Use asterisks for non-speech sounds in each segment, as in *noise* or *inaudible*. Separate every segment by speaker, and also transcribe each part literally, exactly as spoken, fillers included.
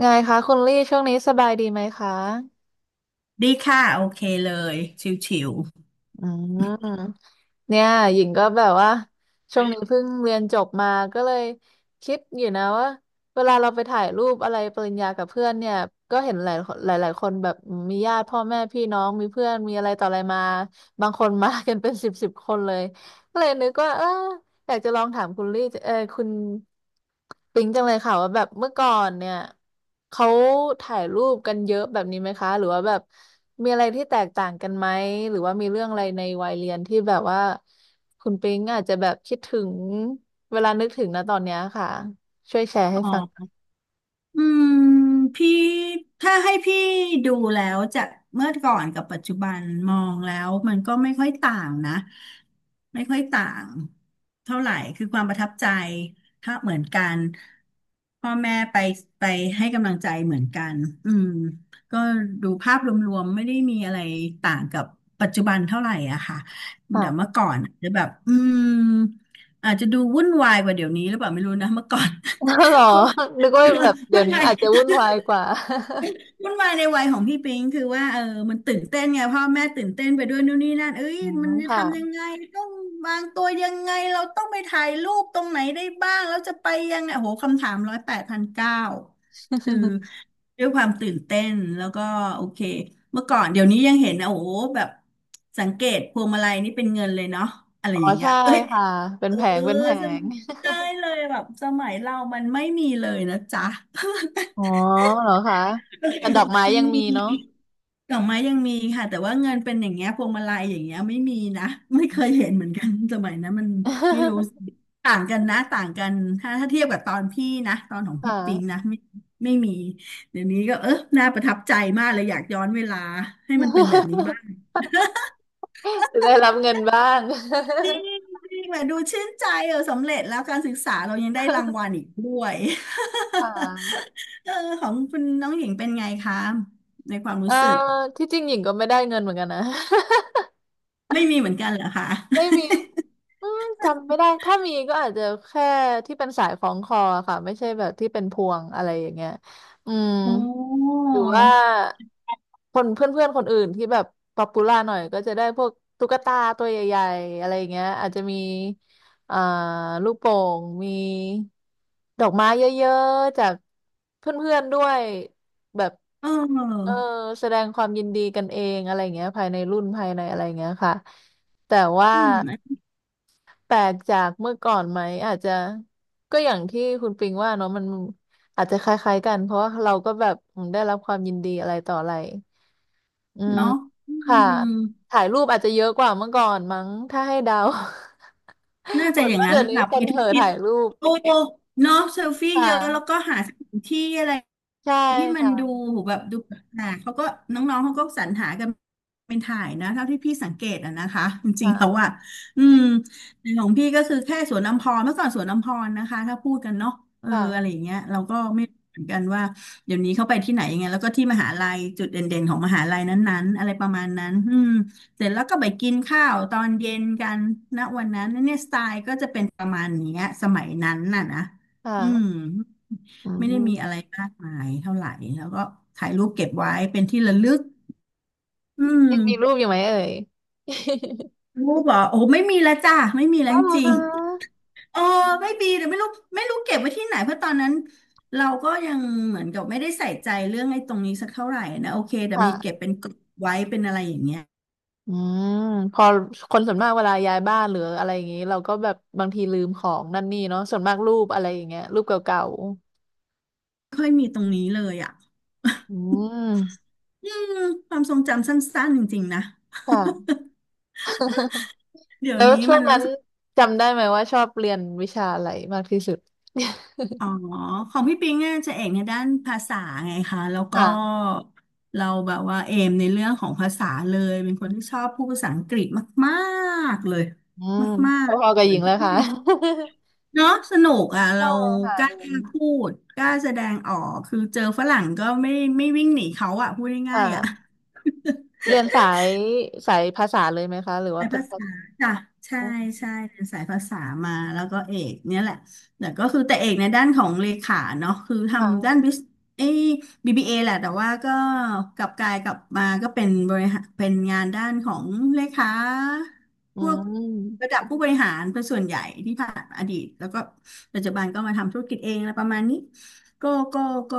Speaker 1: ไงคะคุณลี่ช่วงนี้สบายดีไหมคะ
Speaker 2: ดีค่ะโอเคเลยชิวๆ
Speaker 1: อืมเนี่ยหญิงก็แบบว่าช่วงนี้เพิ่งเรียนจบมาก็เลยคิดอยู่นะว่าเวลาเราไปถ่ายรูปอะไรปริญญากับเพื่อนเนี่ยก็เห็นหลายหลายหลายคนแบบมีญาติพ่อแม่พี่น้องมีเพื่อนมีอะไรต่ออะไรมาบางคนมา *laughs* กันเป็นสิบสิบคนเลยก็เลยนึกว่าเออ อยากจะลองถามคุณลี่เออคุณปิงจังเลยค่ะว่าแบบเมื่อก่อนเนี่ยเขาถ่ายรูปกันเยอะแบบนี้ไหมคะหรือว่าแบบมีอะไรที่แตกต่างกันไหมหรือว่ามีเรื่องอะไรในวัยเรียนที่แบบว่าคุณปิงอาจจะแบบคิดถึงเวลานึกถึงนะตอนเนี้ยค่ะช่วยแชร์ให้
Speaker 2: อ๋
Speaker 1: ฟัง
Speaker 2: อ อืมพี่ถ้าให้พี่ดูแล้วจากเมื่อก่อนกับปัจจุบันมองแล้วมันก็ไม่ค่อยต่างนะไม่ค่อยต่างเท่าไหร่คือความประทับใจถ้าเหมือนกันพ่อแม่ไปไปให้กำลังใจเหมือนกันอืมก็ดูภาพรวมๆไม่ได้มีอะไรต่างกับปัจจุบันเท่าไหร่อะค่ะแต่เมื่
Speaker 1: ค่ะ
Speaker 2: อก่อนอาจจะแบบอืมอาจจะดูวุ่นวายกว่าเดี๋ยวนี้หรือเปล่าไม่รู้นะเมื่อก่อน
Speaker 1: *laughs* หรอ
Speaker 2: *laughs* เพราะว่า
Speaker 1: นึกว่าแบบ
Speaker 2: *laughs*
Speaker 1: เดี๋
Speaker 2: มั
Speaker 1: ย
Speaker 2: น
Speaker 1: ว
Speaker 2: ให
Speaker 1: นี้
Speaker 2: ม่
Speaker 1: อาจจะ
Speaker 2: *laughs*
Speaker 1: วุ่นวายกว่า
Speaker 2: มันใหม่ในวัยของพี่ปิงคือว่าเออมันตื่นเต้นไงพ่อแม่ตื่นเต้นไปด้วยนู่นนี่นั่นเอ้
Speaker 1: *laughs*
Speaker 2: ย
Speaker 1: อ๋อ
Speaker 2: มันจะทำยัง
Speaker 1: ค่ะ
Speaker 2: ไงต้องวางตัวยังไงเราต้องไปถ่ายรูปตรงไหนได้บ้างแล้วจะไปยังไงโอ้โหคำถามร้อยแปดพันเก้าคือด้วยความตื่นเต้นแล้วก็โอเคเมื่อก่อนเดี๋ยวนี้ยังเห็นนะโอ้โหแบบสังเกตพวงมาลัยนี่เป็นเงินเลยเนาะอะไร
Speaker 1: อ๋อ
Speaker 2: อย่างเงี้ย
Speaker 1: ใช่
Speaker 2: เอ้ย
Speaker 1: ค่ะเป็
Speaker 2: เอ
Speaker 1: น
Speaker 2: อ
Speaker 1: แผงเป็นแผ
Speaker 2: จ
Speaker 1: ง
Speaker 2: ำได้เลยแบบสมัยเรามันไม่มีเลยนะจ๊ะ
Speaker 1: อ๋อเหรอคะแต่ดอกไม้
Speaker 2: *laughs* ไม่
Speaker 1: ยังมี
Speaker 2: มี
Speaker 1: เนาะ
Speaker 2: ดอกไม้ยังมีค่ะแต่ว่าเงินเป็นอย่างเงี้ยพวงมาลัยอย่างเงี้ยไม่มีนะไม่เคยเห็นเหมือนกันสมัยนั้นมันไม่รู้
Speaker 1: *laughs*
Speaker 2: ต่างกันนะต่างกันถ้าถ้าเทียบกับตอนพี่นะตอนของ
Speaker 1: ค่ะ
Speaker 2: พี่ปิงนะไม่ไม่มีเดี๋ยวนี้ก็เออน่าประทับใจมากเลยอยากย้อนเวลาให้มันเป็นแบบนี้
Speaker 1: *laughs*
Speaker 2: บ้าง
Speaker 1: จะได้รับเงินบ้าง
Speaker 2: จริงจริงแบบดูชื่นใจเออสำเร็จแล้วการศึกษาเรายังได้รางวัลอีกด้วย
Speaker 1: *laughs* ค่ะ
Speaker 2: *laughs* เออของคุณน้องหญิงเป็นไงคะในความ
Speaker 1: เอ่
Speaker 2: รู้
Speaker 1: อ
Speaker 2: สึก
Speaker 1: ที่จริงหญิงก็ไม่ได้เงินเหมือนกันนะ *laughs*
Speaker 2: ไม่มีเหมือนกันเหรอคะ
Speaker 1: ไม่มีอืมจำไม่ได้ถ้ามีก็อาจจะแค่ที่เป็นสายคล้องคอค่ะไม่ใช่แบบที่เป็นพวงอะไรอย่างเงี้ยอืม
Speaker 2: โอ้
Speaker 1: หรือว่าคนเพื่อนๆคนอื่นที่แบบป๊อปปูล่าหน่อยก็จะได้พวกตุ๊กตาตัวใหญ่ๆอะไรอย่างเงี้ยอาจจะมีอ่าลูกโป่งมีดอกไม้เยอะๆจากเพื่อนๆด้วยแบบ
Speaker 2: เ
Speaker 1: เออ
Speaker 2: ออ
Speaker 1: แสดงความยินดีกันเองอะไรอย่างเงี้ยภายในรุ่นภายในอะไรอย่างเงี้ยค่ะแต่ว่า
Speaker 2: อืม
Speaker 1: แปลกจากเมื่อก่อนไหมอาจจะก็อย่างที่คุณปิงว่าเนาะมันอาจจะคล้ายๆกันเพราะว่าเราก็แบบอืมได้รับความยินดีอะไรต่ออะไรอืม
Speaker 2: เนาะอื
Speaker 1: ค่ะ
Speaker 2: ม
Speaker 1: ถ่ายรูปอาจจะเยอะกว่าเมื่อก่อนมั้งถ้าให้เดา
Speaker 2: น่า
Speaker 1: *laughs* เห
Speaker 2: จะ
Speaker 1: มือ
Speaker 2: อ
Speaker 1: น
Speaker 2: ย่าง
Speaker 1: ว่า
Speaker 2: นั้น
Speaker 1: เดี๋ย
Speaker 2: เล
Speaker 1: ว
Speaker 2: ย
Speaker 1: นี้
Speaker 2: ค่ะ
Speaker 1: ค
Speaker 2: ไป
Speaker 1: น
Speaker 2: ทุ
Speaker 1: เห่
Speaker 2: ก
Speaker 1: อ
Speaker 2: ทิศ
Speaker 1: ถ่ายรูป
Speaker 2: โอ้เนาะเซลฟี่
Speaker 1: ค
Speaker 2: เยอะแล้ว
Speaker 1: ่ะ
Speaker 2: ก็หาสถานที่อะไร
Speaker 1: ใช่
Speaker 2: ที่มันดู
Speaker 1: ค่ะ
Speaker 2: แบบดูหนาเขาก็น้องๆเขาก็สรรหากันเป็นถ่ายนะเท่าที่พี่สังเกตอะนะคะจริงๆแล้ว
Speaker 1: ค่ะ
Speaker 2: อ่ะอืมในของพี่ก็คือแค่สวนอัมพรเมื่อก่อนสวนอัมพรนะคะถ้าพูดกันเนาะเอออะไร
Speaker 1: ค่ะ
Speaker 2: อย่างเงี้ยเราก็ไม่รู้เหมือนกันว่าเดี๋ยวนี้เขาไปที่ไหนยังไงแล้วก็ที่มหาลัยจุดเด่นๆของมหาลัยนั้นๆอะไรประมาณนั้นอืมเสร็จแล้วก็ไปกินข้าวตอนเย็นกันนะวันนั้นเนี่ยสไตล์ก็จะเป็นประมาณเนี้ยสมัยนั้นน่ะนะ
Speaker 1: ค่ะ
Speaker 2: อืม
Speaker 1: อื
Speaker 2: ไม่ได้มีอะไร
Speaker 1: ม
Speaker 2: มากมายเท่าไหร่แล้วก็ถ่ายรูปเก็บไว้เป็นที่ระลึกอืม
Speaker 1: ยังมีรูปอยู่ไหมเอ่ย
Speaker 2: รูปเหรอโอ้ไม่มีแล้วจ้าไม่มี
Speaker 1: *laughs*
Speaker 2: แล้ว
Speaker 1: อ๋อ
Speaker 2: จ
Speaker 1: เหรอ
Speaker 2: ริ
Speaker 1: ค
Speaker 2: ง
Speaker 1: ะ
Speaker 2: ๆเออไม่มีเดี๋ยวไม่รู้ไม่รู้เก็บไว้ที่ไหนเพราะตอนนั้นเราก็ยังเหมือนกับไม่ได้ใส่ใจเรื่องไอ้ตรงนี้สักเท่าไหร่นะโอเคแต่มีเก็บ
Speaker 1: ค่ะ
Speaker 2: เป็นกลุ๊ปไว้เป็นอะไรอย่างเงี้ย
Speaker 1: อืมพอคนส่วนมากเวลาย้ายบ้านหรืออะไรอย่างนี้เราก็แบบบางทีลืมของนั่นนี่เนาะส่วนมากรูปอะไรอย่างเงี้ยรูปเก่า
Speaker 2: ไม่ค่อยมีตรงนี้เลยอ่ะ
Speaker 1: ๆอืม
Speaker 2: *laughs* อืมความทรงจำสั้นๆจริงๆนะ
Speaker 1: ค่ะ *laughs*
Speaker 2: *laughs* เดี๋ยว
Speaker 1: แล้ว
Speaker 2: นี้
Speaker 1: ช่ว
Speaker 2: มั
Speaker 1: ง
Speaker 2: น
Speaker 1: นั้
Speaker 2: รู้
Speaker 1: น
Speaker 2: สึก
Speaker 1: จำได้ไหมว่าชอบเรียนวิชาอะไรมากที่สุด
Speaker 2: อ๋อของพี่ปิงอ่ะจะเอกในด้านภาษาไงคะแล้ว
Speaker 1: *laughs*
Speaker 2: ก็
Speaker 1: ค่ะ
Speaker 2: เราแบบว่าเอมในเรื่องของภาษาเลยเป็นคนที่ชอบพูดภาษาอังกฤษมากๆเลย
Speaker 1: อืม
Speaker 2: มา
Speaker 1: พ
Speaker 2: ก
Speaker 1: อๆกั
Speaker 2: ๆ
Speaker 1: บ
Speaker 2: เล
Speaker 1: หญิงเลย
Speaker 2: ย
Speaker 1: ค่ะ
Speaker 2: เนาะสนุกอ่ะ
Speaker 1: *laughs* ใช่
Speaker 2: เรา
Speaker 1: ค่ะ
Speaker 2: กล้า
Speaker 1: เรียน
Speaker 2: พูดกล้าแสดงออกคือเจอฝรั่งก็ไม่ไม่วิ่งหนีเขาอ่ะพูดง่ายๆอ่ะ
Speaker 1: ค่ะเรียนสายสายภาษาเลยไหมคะหรือว่า
Speaker 2: สาย
Speaker 1: เป็น
Speaker 2: ภา
Speaker 1: ภา
Speaker 2: ษา
Speaker 1: ษา
Speaker 2: จ้ะใช่ใช่เรียนสายภาษามาแล้วก็เอกเนี่ยแหละแต่ก็คือแต่เอกในด้านของเลขาเนาะคือทำด้าน
Speaker 1: ค่ะ
Speaker 2: บิสเอย บี บี เอ แหละแต่ว่าก็กลับกลายกลับมาก็เป็นบริหารเป็นงานด้านของเลขา
Speaker 1: อื
Speaker 2: พวก
Speaker 1: ม
Speaker 2: ระดับผู้บริหารเป็นส่วนใหญ่ที่ผ่านมาอดีตแล้วก็ปัจจุบันก็มาทำธุรกิจเองอะไรประมาณนี้ก็ก็ก็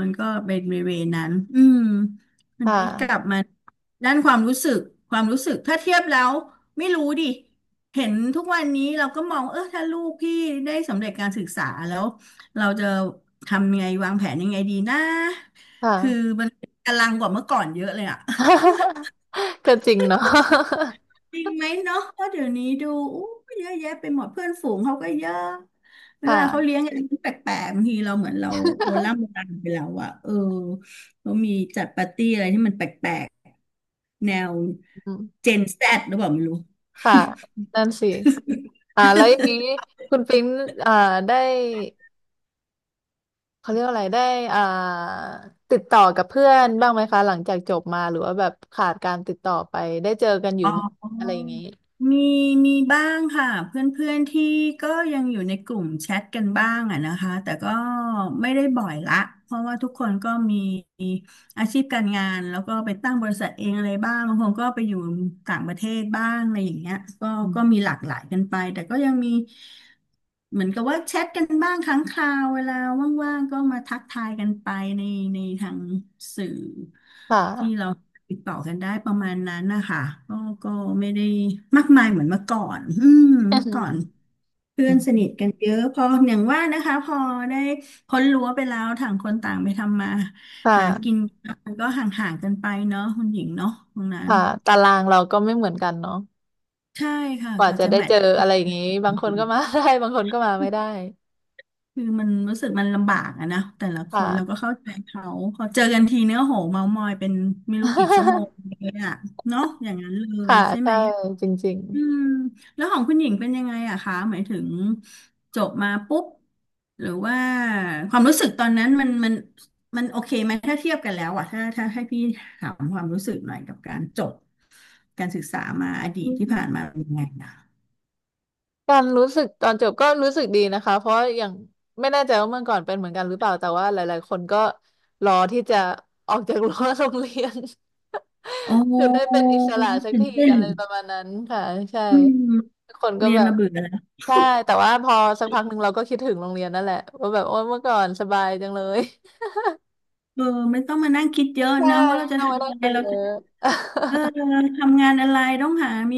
Speaker 2: มันก็เป็นเวย์นั้นอืมวัน
Speaker 1: ค่
Speaker 2: นี้กลับ
Speaker 1: ะ
Speaker 2: มา ด้านความรู้สึกความรู้สึก ถ้าเทียบแล้วไม่รู้ดิ เห็นทุกวันนี้เราก็มอง เออ ถ้าลูกพี่ได้สำเร็จการศึกษาแล้ว เราจะทำยังไงวางแผนยังไงดีนะ คือ
Speaker 1: ค่ะ
Speaker 2: มันกำลังกว่าเมื่อก่อนเยอะเลยอะ
Speaker 1: *laughs* ก็จริงเนาะ *laughs*
Speaker 2: จริงไหมเนาะเพราะเดี๋ยวนี้ดูอู้เยอะแยะไปหมดเพื่อนฝูงเขาก็เยอะเวลาเขา
Speaker 1: ค่ะ
Speaker 2: เลี้ยงกันแปลกๆบางทีเราเหมือนเราโบราณโบราณไปแล้วอะเออเขามีจัดปาร์ตี้อะไรที่มันแปลกๆแนว
Speaker 1: อืม
Speaker 2: เจนแซดหรือเปล่าไม่รู้
Speaker 1: ค่ะนั่นสิอ่าแล้วอย่างนี้คุณปิ๊งอ่าได้เขาเรียกว่าอะไรได้อ่าติดต่อกับเพื่อนบ้างไหมคะหลังจากจบมาหรือว่าแบบขาดการติดต่อไปได้เจอกันอยู่
Speaker 2: อ๋อ
Speaker 1: ไหมอะไรอย่างนี้
Speaker 2: มีมีบ้างค่ะเพื่อนๆที่ก็ยังอยู่ในกลุ่มแชทกันบ้างอะนะคะแต่ก็ไม่ได้บ่อยละเพราะว่าทุกคนก็มี อาชีพการงานแล้วก็ไปตั้งบริษัทเองอะไรบ้างบางคนก็ไปอยู่ต่างประเทศบ้างอะไรอย่างเงี้ยก็
Speaker 1: อื
Speaker 2: ก็มี
Speaker 1: ม
Speaker 2: หลากหลายกันไปแต่ก็ยังมีเหมือนกับว่าแชทกันบ้างครั้งคราวเวลาว่างๆก็มาทักทายกันไปในในทางสื่อ
Speaker 1: ค่ะ
Speaker 2: ที่เราติดต่อกันได้ประมาณนั้นนะคะก็ก็ไม่ได้มากมายเหมือนเมื่อก่อนอืมเมื่อก่อน
Speaker 1: อื
Speaker 2: เพื่อนสนิทกั
Speaker 1: ม
Speaker 2: นเยอะพออย่างว่านะคะพอได้พ้นรั้วไปแล้วต่างคนต่างไปทำมา
Speaker 1: ค
Speaker 2: หากิน
Speaker 1: ่ะ
Speaker 2: มันก็ห่างๆกันไปเนาะคุณหญิงเนาะตรงนั้น
Speaker 1: ค่ะตารางเราก็ไม่เหมือนกันเนาะ
Speaker 2: ใช่ค่ะ
Speaker 1: ก
Speaker 2: ก
Speaker 1: ว่า
Speaker 2: ว่า
Speaker 1: จะ
Speaker 2: จะ
Speaker 1: ได้
Speaker 2: แม
Speaker 1: เจ
Speaker 2: ท
Speaker 1: อ
Speaker 2: ช์ก
Speaker 1: อะไรอย่างนี้บาง
Speaker 2: ั
Speaker 1: คน
Speaker 2: น
Speaker 1: ก็มา *laughs* ได้บางคนก็มาไม่ได้
Speaker 2: คือมันรู้สึกมันลำบากอะนะแต่ละค
Speaker 1: ค่ะ
Speaker 2: นเราก็เข้าใจเขาพอเจอกันทีเนื้อโหเมามอยเป็นไม่รู้กี่ชั่วโม
Speaker 1: *laughs*
Speaker 2: งเลยอะเนาะอย่างนั้นเลย
Speaker 1: ค่ะ
Speaker 2: ใช่ไห
Speaker 1: ใช่
Speaker 2: ม
Speaker 1: จริง
Speaker 2: อืมแล้วของคุณหญิงเป็นยังไงอะคะหมายถึงจบมาปุ๊บหรือว่าความรู้สึกตอนนั้นมันมันมันโอเคไหมถ้าเทียบกันแล้วอะถ้าถ้าให้พี่ถามความรู้สึกหน่อยกับการจบการศึกษามาอดีตที่
Speaker 1: ๆ
Speaker 2: ผ่านมาเป็นยังไงนะ
Speaker 1: การรู้สึกตอนจบก็รู้สึกดีนะคะเพราะอย่างไม่แน่ใจว่าเมื่อก่อนเป็นเหมือนกันหรือเปล่าแต่ว่าหลายๆคนก็รอที่จะออกจากรั้วโรงเรียน
Speaker 2: โอ
Speaker 1: *laughs* คือได้เป็
Speaker 2: ้
Speaker 1: นอิสระสัก
Speaker 2: ตื่น
Speaker 1: ที
Speaker 2: เต้น
Speaker 1: อะไรประมาณนั้นค่ะใช่
Speaker 2: อืม
Speaker 1: ทุกคนก็
Speaker 2: เรียน
Speaker 1: แบบ
Speaker 2: มาเบื่อแล้ว
Speaker 1: ใช่แต่ว่าพอสักพักหนึ่งเราก็คิดถึงโรงเรียนนั่นแหละว่าแบบโอ้ยเมื่อก่อนสบายจังเลย *laughs*
Speaker 2: เออไม่ต้องมานั่งคิดเยอะ
Speaker 1: ใช่
Speaker 2: นะว่าเรา
Speaker 1: ไม่
Speaker 2: จะ
Speaker 1: ต้องมา
Speaker 2: ทำ
Speaker 1: นั่ง
Speaker 2: อะไร
Speaker 1: กิน
Speaker 2: เรา
Speaker 1: เย
Speaker 2: จะ
Speaker 1: อะ
Speaker 2: เออ
Speaker 1: *laughs*
Speaker 2: ทำงานอะไรต้องหามี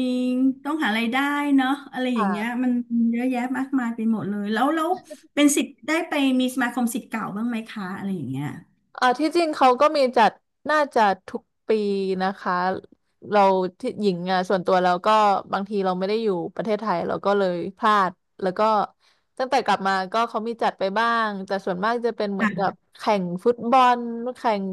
Speaker 2: ต้องหารายได้เนาะอะไรอย่างเงี้ย
Speaker 1: ค่ะ
Speaker 2: มันเยอะแยะมากมายไปหมดเลยแล้วแล้วเป็นสิทธิ์ได้ไปมีสมาคมสิทธิ์เก่าบ้างไหมคะอะไรอย่างเงี้ย
Speaker 1: อ่าที่จริงเขาก็มีจัดน่าจะทุกปีนะคะเราที่หญิงอ่ะส่วนตัวเราก็บางทีเราไม่ได้อยู่ประเทศไทยเราก็เลยพลาดแล้วก็ตั้งแต่กลับมาก็เขามีจัดไปบ้างแต่ส่วนมากจะเป็นเหมือนกับ
Speaker 2: ค่ะ
Speaker 1: แข่งฟุตบอลแข่ง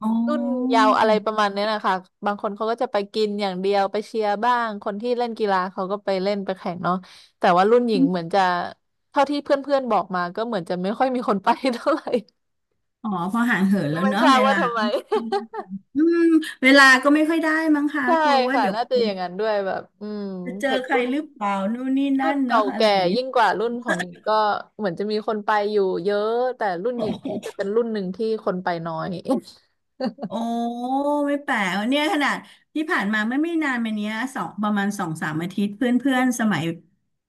Speaker 2: อ๋
Speaker 1: รุ่น
Speaker 2: อ
Speaker 1: เยาวอะไรประมาณเนี้ยนะคะบางคนเขาก็จะไปกินอย่างเดียวไปเชียร์บ้างคนที่เล่นกีฬาเขาก็ไปเล่นไปแข่งเนาะแต่ว่ารุ่นหญิงเหมือนจะเท่าที่เพื่อนๆบอกมาก็เหมือนจะไม่ค่อยมีคนไป *laughs* เท่าไหร่
Speaker 2: อ๋อพอห่างเหิน
Speaker 1: ก็
Speaker 2: แล้ว
Speaker 1: ไม่
Speaker 2: เนาะ
Speaker 1: ทราบ
Speaker 2: เว
Speaker 1: ว่า
Speaker 2: ลา
Speaker 1: ทำไม
Speaker 2: อืมเวลาก็ไม่ค่อยได้มั้ง
Speaker 1: *laughs*
Speaker 2: คะ
Speaker 1: ใช่
Speaker 2: กลัวว่า
Speaker 1: ค่ะ
Speaker 2: เดี๋ยว
Speaker 1: น่าจะอย่างนั้นด้วยแบบอืม
Speaker 2: จะเจอ
Speaker 1: เห็น
Speaker 2: ใคร
Speaker 1: รุ่น
Speaker 2: หรือเปล่านู่นนี่
Speaker 1: รุ่
Speaker 2: นั่
Speaker 1: น
Speaker 2: น
Speaker 1: เก่า
Speaker 2: เนาะอะไร
Speaker 1: แก่
Speaker 2: อย่างเงี้ย
Speaker 1: ยิ่งกว่ารุ่นของหญิงก็เหมือนจะมีคนไปอยู่เยอะแต่รุ่นหญิงนี่จะ
Speaker 2: *laughs*
Speaker 1: เป็นรุ่นหนึ่งที่คนไปน้อย
Speaker 2: โอ้ไม่แปลกเนี่ยขนาดที่ผ่านมาไม่ไม่นานมาเนี้ยสองประมาณสองสามอาทิตย์เพื่อนเพื่อนสมัย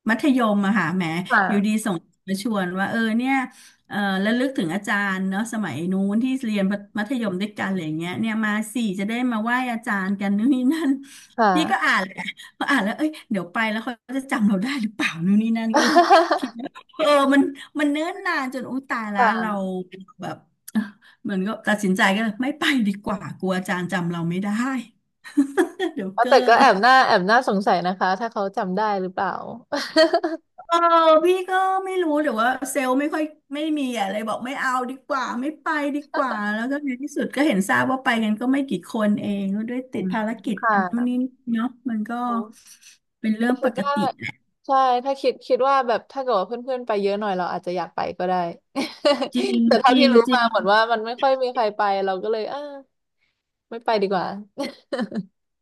Speaker 2: มัธยมอะค่ะแหม
Speaker 1: *laughs* ค่ะ
Speaker 2: อยู่ดีส่งมาชวนว่าเออเนี่ยเออระลึกถึงอาจารย์เนาะสมัยนู้นที่เรี
Speaker 1: อื
Speaker 2: ยน
Speaker 1: ม
Speaker 2: มัธยมด้วยกันอะไรอย่างเงี้ยเนี่ยมาสี่จะได้มาไหว้อาจารย์กันนู่นนี่นั่น
Speaker 1: ค่ะ
Speaker 2: นี่ก็อ่านแหละพออ่านแล้วเอ้ยเดี๋ยวไปแล้วเขาจะจำเราได้หรือเปล่านู่นนี่นั่นก็เลยคิด
Speaker 1: *laughs*
Speaker 2: ว่าเออมันมันเนิ่นนานจนอุ้ยตายแล้วเรา
Speaker 1: ค่ะ
Speaker 2: แบบ เหมือนก็ตัดสินใจก็เลยไม่ไปดีกว่ากลัวอาจารย์จำเราไม่ได้ *laughs* เดี๋ยว
Speaker 1: เอา
Speaker 2: เกอ
Speaker 1: แต่
Speaker 2: ร์
Speaker 1: ก็แอบหน่าแอบหน้าสงสัยนะคะถ้าเขาจำได้หรือเปล่า *laughs*
Speaker 2: เออพี่ก็ไม่รู้แต่ว่าเซลล์ไม่ค่อยไม่มีอะไรบอกไม่เอาดีกว่าไม่ไปดีกว่าแล้วก็ในที่สุดก็เห็นทราบว่าไปกันก็ไม่กี่คนเองก็ด้วยติ
Speaker 1: อื
Speaker 2: ด
Speaker 1: ม
Speaker 2: ภารกิจ
Speaker 1: ค่ะ
Speaker 2: กันนู่นนี่เนาะมันก็เป็นเรื่องป
Speaker 1: คิด
Speaker 2: ก
Speaker 1: ว่า
Speaker 2: ติแหละ
Speaker 1: ใช่ถ้าคิดคิดว่าแบบถ้าเกิดว่าเพื่อนๆไปเยอะหน่อยเราอาจจะอยากไปก็ได้
Speaker 2: จริ
Speaker 1: *laughs*
Speaker 2: ง
Speaker 1: แต่
Speaker 2: จ
Speaker 1: เท่า
Speaker 2: ริ
Speaker 1: ที่
Speaker 2: ง
Speaker 1: รู้
Speaker 2: จริ
Speaker 1: มา
Speaker 2: ง
Speaker 1: เหมือนว่ามันไม่ค่อยมีใครไปเราก็เลยเออไม่ไปดีกว่า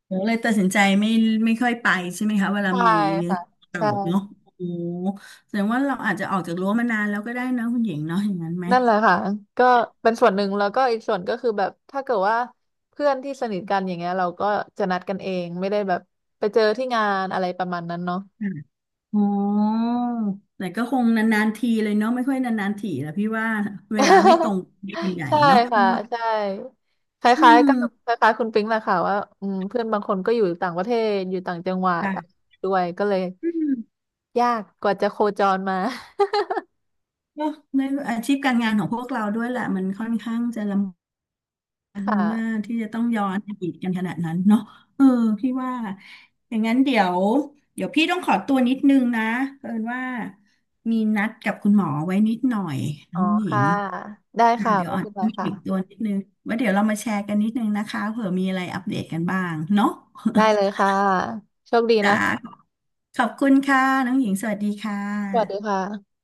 Speaker 2: เดี๋ยวเลยตัดสินใจไม่ไม่ค่อยไปใช่ไหมคะเว
Speaker 1: *laughs*
Speaker 2: ลา
Speaker 1: ใช่
Speaker 2: มีเรื่อง
Speaker 1: ค่ะ
Speaker 2: โกย
Speaker 1: ใช่
Speaker 2: วกัธเนาะโอ้โหแสดงว่าเราอาจจะออกจากรั้วมานานแล้วก็ได้นะคุณหญิงเนาะอย่างนั้นไหม
Speaker 1: นั่นแหละค่ะก็เป็นส่วนหนึ่งแล้วก็อีกส่วนก็คือแบบถ้าเกิดว่าเพื่อนที่สนิทกันอย่างเงี้ยเราก็จะนัดกันเองไม่ได้แบบไปเจอที่งานอะไรประมาณนั้นเนาะ
Speaker 2: โอ๋อแต่ก็คงนานๆทีเลยเนาะไม่ค่อยนานๆทีแล้ะพี่ว่าเวลาไม่ตร
Speaker 1: *laughs*
Speaker 2: งกันใหญ่
Speaker 1: ใช่
Speaker 2: เนาะ
Speaker 1: ค่ะ
Speaker 2: พี่ว่า
Speaker 1: ใช่ค
Speaker 2: อื
Speaker 1: ล้ายๆกั
Speaker 2: ม
Speaker 1: บคล้ายๆคุณปิ๊งแหละค่ะว่าอืมเพื่อนบางคนก็อยู่ต่างประเทศอยู่ต่างจังหวัด
Speaker 2: ค่ะ
Speaker 1: ด้วยก็เลย
Speaker 2: อืม
Speaker 1: ยากกว่าจะโคจรมา *laughs*
Speaker 2: เนาะในอาชีพการงานของพวกเราด้วยแหละมันค่อนข้างจะลำบาก
Speaker 1: ค
Speaker 2: เมื่อ
Speaker 1: ่ะ
Speaker 2: ที่จะต้องย้อนอดีตกันขนาดนั้นเนาะเออพี่ว่าอย่างนั้นเดี๋ยวเดี๋ยวพี่ต้องขอตัวนิดนึงนะเผอิญว่ามีนัดกับคุณหมอไว้นิดหน่อยน้
Speaker 1: อ๋อ
Speaker 2: องหญิ
Speaker 1: ค่ะ
Speaker 2: ง
Speaker 1: ได้
Speaker 2: อ่า
Speaker 1: ค่ะ
Speaker 2: เดี๋ยว
Speaker 1: ไม่
Speaker 2: อ่อน
Speaker 1: เป็นไร
Speaker 2: ต้อง
Speaker 1: ค่ะ
Speaker 2: อีกตัวนิดนึงไว้เดี๋ยวเรามาแชร์กันนิดนึงนะคะเผื่อมีอะไรอัปเดตกันบ้างเนาะ
Speaker 1: ได้เลยค่ะโชคดี
Speaker 2: *laughs*
Speaker 1: นะ
Speaker 2: จ้าขอบคุณค่ะน้องหญิงสวัสดีค่
Speaker 1: สวัสดีค
Speaker 2: ะ
Speaker 1: ่ะ